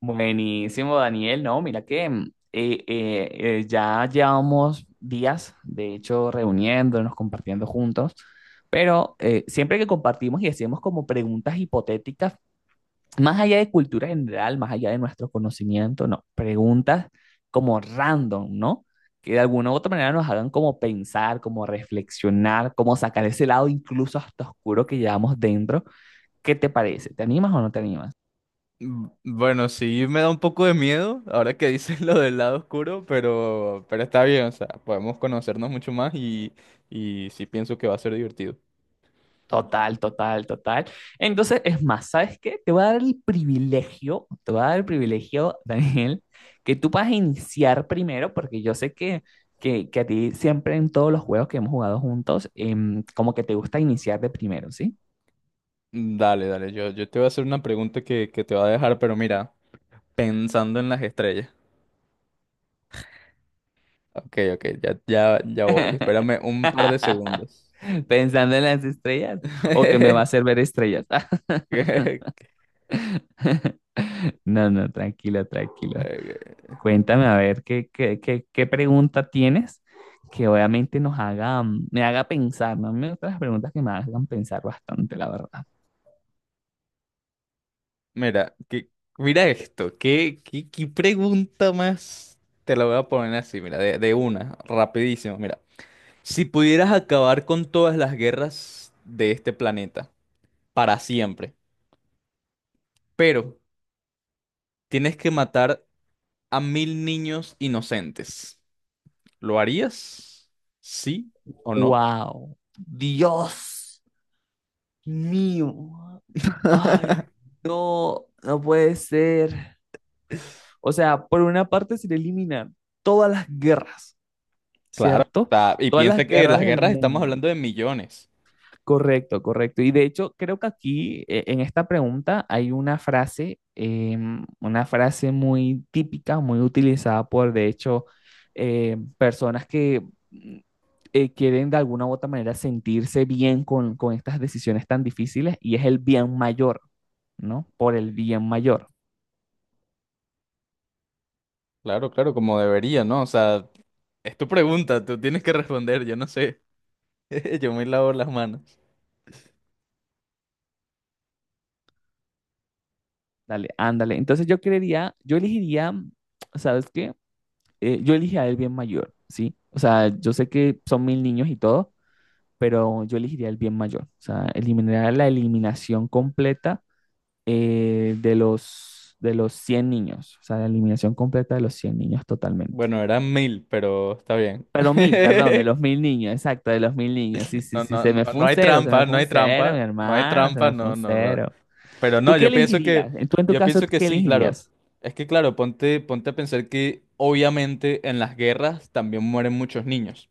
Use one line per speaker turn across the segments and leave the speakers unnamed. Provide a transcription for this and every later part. Buenísimo, Daniel. No, mira que ya llevamos días, de hecho, reuniéndonos, compartiendo juntos, pero siempre que compartimos y hacemos como preguntas hipotéticas, más allá de cultura general, más allá de nuestro conocimiento, no, preguntas como random, ¿no? Que de alguna u otra manera nos hagan como pensar, como reflexionar, como sacar ese lado incluso hasta oscuro que llevamos dentro. ¿Qué te parece? ¿Te animas o no te animas?
Mm, bueno, sí me da un poco de miedo ahora que dices lo del lado oscuro, pero está bien, o sea, podemos conocernos mucho más y sí pienso que va a ser divertido.
Total, total, total. Entonces, es más, ¿sabes qué? Te voy a dar el privilegio, te voy a dar el privilegio, Daniel, que tú vas a iniciar primero, porque yo sé que a ti siempre en todos los juegos que hemos jugado juntos, como que te gusta iniciar de primero, ¿sí?
Mm, dale, dale, yo te voy a hacer una pregunta que te va a dejar, pero mira, pensando en las estrellas. Ok, ok, ya, ya, ya voy, espérame un par de segundos.
Pensando en las estrellas o que me va a hacer ver estrellas. No, no, tranquilo, tranquilo.
Eh,
Cuéntame a ver qué pregunta tienes que obviamente nos haga, me haga pensar, ¿no? A mí me gustan las preguntas que me hagan pensar bastante, la verdad.
Mira, mira esto, ¿qué pregunta más? Te la voy a poner así, mira, de una, rapidísimo, mira. Si pudieras acabar con todas las guerras de este planeta, para siempre, pero tienes que matar a 1.000 niños inocentes, ¿lo harías? ¿Sí o no?
¡Wow! ¡Dios mío! ¡Ay, no! No puede ser. O sea, por una parte se eliminan todas las guerras,
Claro.
¿cierto?
Y
Todas las
piensa que las
guerras del
guerras, estamos
mundo.
hablando de millones.
Correcto, correcto. Y de hecho, creo que aquí en esta pregunta hay una frase, una frase muy típica, muy utilizada por, de hecho, personas que mm, quieren de alguna u otra manera sentirse bien con estas decisiones tan difíciles y es el bien mayor, ¿no? Por el bien mayor.
Claro, claro, como debería, ¿no? O sea, es tu pregunta, tú tienes que responder, yo no sé. Yo me lavo las manos.
Dale, ándale. Entonces yo creería, yo elegiría, ¿sabes qué? Yo elegiría el bien mayor, ¿sí? O sea, yo sé que son 1.000 niños y todo, pero yo elegiría el bien mayor. O sea, eliminaría la eliminación completa de los 100 niños. O sea, la eliminación completa de los 100 niños totalmente.
Bueno, eran 1.000, pero está bien.
Pero mil, perdón, de los mil niños, exacto, de los mil niños. Sí, sí,
No,
sí,
no,
se me
no,
fue
no
un
hay
cero, se me
trampa,
fue
no
un
hay
cero, mi
trampa, no hay
hermano, se
trampa,
me fue
no,
un
no, no.
cero.
Pero
¿Tú
no,
qué elegirías? Tú en tu
yo
caso,
pienso que
¿qué
sí, claro.
elegirías?
Es que claro, ponte a pensar que obviamente en las guerras también mueren muchos niños.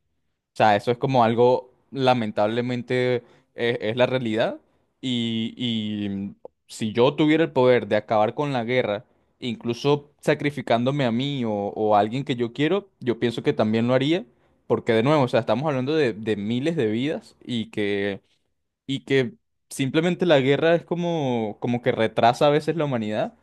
O sea, eso es como algo, lamentablemente, es, la realidad. Y si yo tuviera el poder de acabar con la guerra, incluso sacrificándome a mí o a alguien que yo quiero, yo pienso que también lo haría. Porque de nuevo, o sea, estamos hablando de miles de vidas y que y que simplemente la guerra es como que retrasa a veces la humanidad.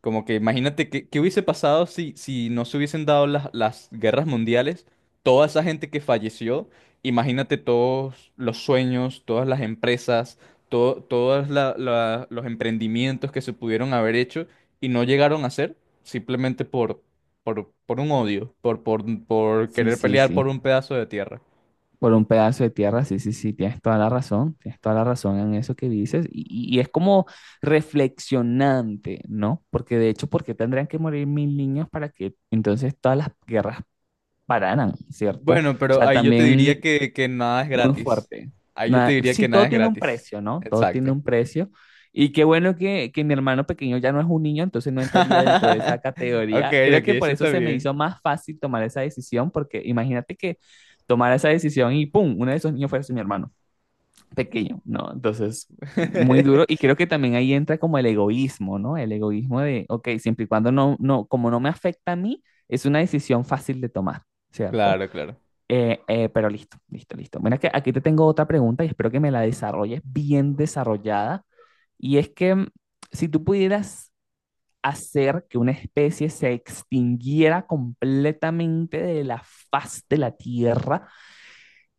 Como que imagínate qué hubiese pasado si no se hubiesen dado las guerras mundiales, toda esa gente que falleció, imagínate todos los sueños, todas las empresas, todo, todos los emprendimientos que se pudieron haber hecho y no llegaron a hacer simplemente por un odio, por
Sí,
querer
sí,
pelear por
sí.
un pedazo de tierra.
Por un pedazo de tierra, sí, sí, sí, tienes toda la razón, tienes toda la razón en eso que dices, y, y es como reflexionante, ¿no? Porque de hecho, ¿por qué tendrían que morir 1.000 niños para que entonces todas las guerras pararan, ¿cierto? O
Bueno, pero
sea,
ahí yo te
también
diría que nada es
muy
gratis.
fuerte.
Ahí yo te
Nada,
diría
sí,
que nada
todo
es
tiene un
gratis.
precio, ¿no? Todo tiene
Exacto.
un precio. Y qué bueno que mi hermano pequeño ya no es un niño, entonces no entraría dentro de esa
Ok,
categoría. Creo
ok,
que por
eso
eso
está
se me
bien.
hizo más fácil tomar esa decisión, porque imagínate que tomara esa decisión y ¡pum! Uno de esos niños fuese mi hermano pequeño, ¿no? Entonces, muy duro. Y creo que también ahí entra como el egoísmo, ¿no? El egoísmo de, ok, siempre y cuando no, no, como no me afecta a mí, es una decisión fácil de tomar, ¿cierto?
Claro, claro.
Pero listo, listo, listo. Mira que aquí te tengo otra pregunta y espero que me la desarrolles bien desarrollada. Y es que si tú pudieras hacer que una especie se extinguiera completamente de la faz de la Tierra,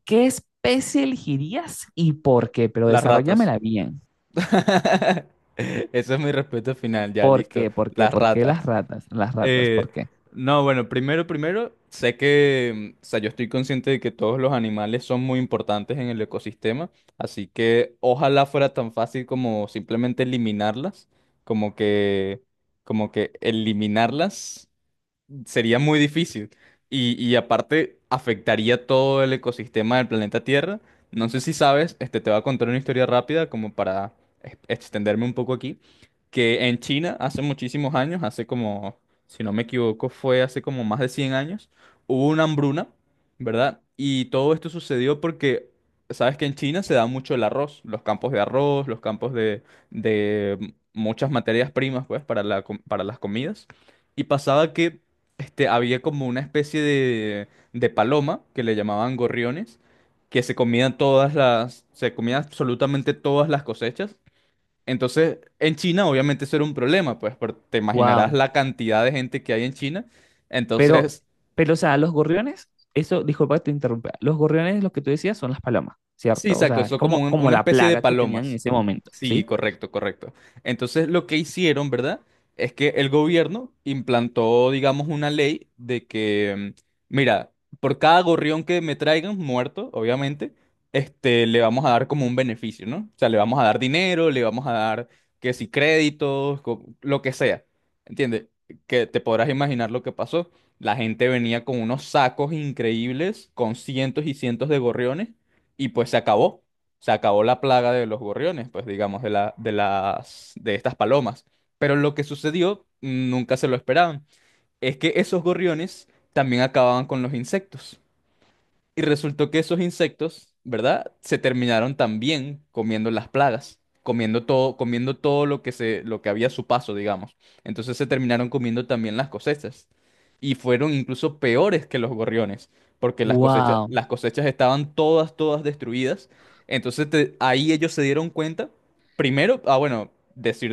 ¿qué especie elegirías y por qué? Pero
Las ratas.
desarróllamela bien.
Eso es mi respeto final, ya,
¿Por
listo.
qué? ¿Por qué?
Las
¿Por qué las
ratas.
ratas? Las ratas,
Eh,
¿por qué?
no, bueno, primero, sé que, o sea, yo estoy consciente de que todos los animales son muy importantes en el ecosistema, así que ojalá fuera tan fácil como simplemente eliminarlas, como que, como que eliminarlas sería muy difícil. Y aparte, afectaría todo el ecosistema del planeta Tierra. No sé si sabes, este, te voy a contar una historia rápida como para extenderme un poco aquí. Que en China, hace muchísimos años, hace como, si no me equivoco, fue hace como más de 100 años, hubo una hambruna, ¿verdad? Y todo esto sucedió porque, sabes que en China se da mucho el arroz, los campos de arroz, los campos de, muchas materias primas, pues, para para las comidas. Y pasaba que este, había como una especie de paloma que le llamaban gorriones, que se comían absolutamente todas las cosechas. Entonces, en China obviamente eso era un problema, pues te imaginarás
¡Wow!
la cantidad de gente que hay en China.
Pero,
Entonces,
pero, o sea, los gorriones, eso, disculpa que te interrumpa, los gorriones, lo que tú decías, son las palomas,
sí,
¿cierto? O
exacto,
sea, es
son como
como, como
una
la
especie de
plaga que tenían en
palomas.
ese momento,
Sí,
¿sí?
correcto, correcto. Entonces lo que hicieron, ¿verdad? Es que el gobierno implantó, digamos, una ley de que, mira, por cada gorrión que me traigan, muerto, obviamente, este, le vamos a dar como un beneficio, ¿no? O sea, le vamos a dar dinero, le vamos a dar, que si créditos, lo que sea. ¿Entiendes? Que te podrás imaginar lo que pasó. La gente venía con unos sacos increíbles, con cientos y cientos de gorriones y pues se acabó. Se acabó la plaga de los gorriones, pues digamos, de la, de las, de estas palomas. Pero lo que sucedió, nunca se lo esperaban, es que esos gorriones también acababan con los insectos. Y resultó que esos insectos, ¿verdad? Se terminaron también comiendo las plagas, comiendo todo lo que había a su paso, digamos. Entonces se terminaron comiendo también las cosechas. Y fueron incluso peores que los gorriones, porque las cosechas,
¡Wow!
las cosechas estaban todas, todas destruidas. Entonces ahí ellos se dieron cuenta, primero, ah, bueno,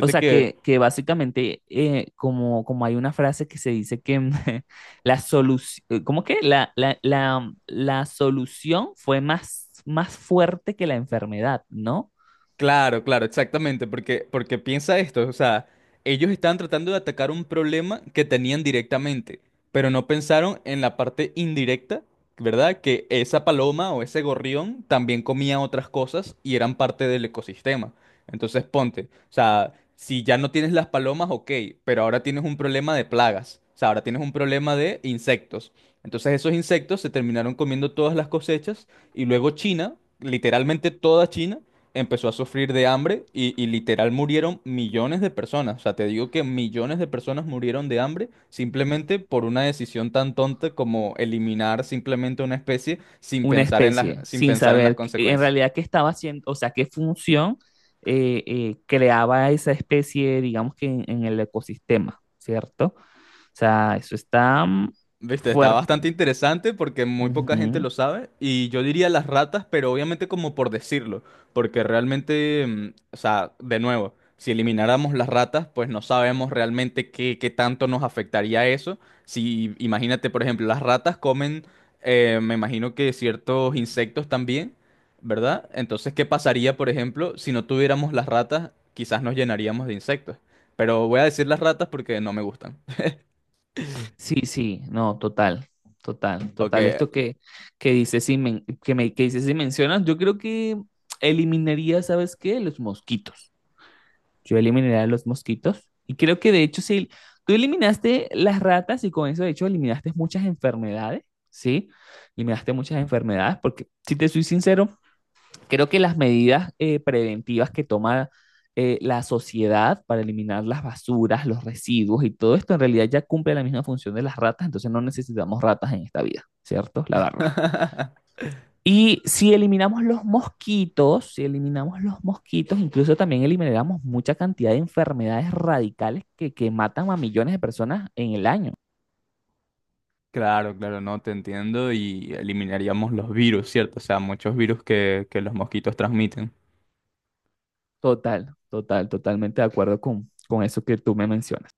O sea,
que.
que básicamente, como, como hay una frase que se dice que la solución, ¿cómo que? La solución fue más, más fuerte que la enfermedad, ¿no?
Claro, claro, exactamente, porque piensa esto, o sea, ellos estaban tratando de atacar un problema que tenían directamente, pero no pensaron en la parte indirecta, ¿verdad? Que esa paloma o ese gorrión también comía otras cosas y eran parte del ecosistema. Entonces, ponte, o sea, si ya no tienes las palomas, ok, pero ahora tienes un problema de plagas, o sea, ahora tienes un problema de insectos. Entonces, esos insectos se terminaron comiendo todas las cosechas y luego China, literalmente toda China, empezó a sufrir de hambre y literal murieron millones de personas. O sea, te digo que millones de personas murieron de hambre simplemente por una decisión tan tonta como eliminar simplemente una especie sin
Una
pensar en las,
especie
sin
sin
pensar en las
saber en
consecuencias.
realidad qué estaba haciendo, o sea, qué función creaba esa especie, digamos que en el ecosistema, ¿cierto? O sea, eso está
Viste, está
fuerte.
bastante interesante porque muy poca gente
Ujú.
lo sabe y yo diría las ratas, pero obviamente como por decirlo, porque realmente, o sea, de nuevo, si elimináramos las ratas, pues no sabemos realmente qué tanto nos afectaría eso. Si imagínate, por ejemplo, las ratas comen, me imagino que ciertos insectos también, ¿verdad? Entonces, ¿qué pasaría, por ejemplo, si no tuviéramos las ratas? Quizás nos llenaríamos de insectos, pero voy a decir las ratas porque no me gustan.
Sí, sí, no, total, total,
Ok.
total. Esto que dices, si que dices, si mencionas, yo creo que eliminaría, ¿sabes qué? Los mosquitos. Yo eliminaré a los mosquitos. Y creo que de hecho, si tú eliminaste las ratas y con eso, de hecho, eliminaste muchas enfermedades, ¿sí? Eliminaste muchas enfermedades, porque si te soy sincero, creo que las medidas preventivas que toma la sociedad para eliminar las basuras, los residuos y todo esto, en realidad ya cumple la misma función de las ratas, entonces no necesitamos ratas en esta vida, ¿cierto? La verdad. Y si eliminamos los mosquitos, si eliminamos los mosquitos, incluso también eliminamos mucha cantidad de enfermedades radicales que matan a millones de personas en el año.
Claro, claro, no te entiendo y eliminaríamos los virus, ¿cierto? O sea, muchos virus que los mosquitos transmiten.
Total, total, totalmente de acuerdo con eso que tú me mencionas.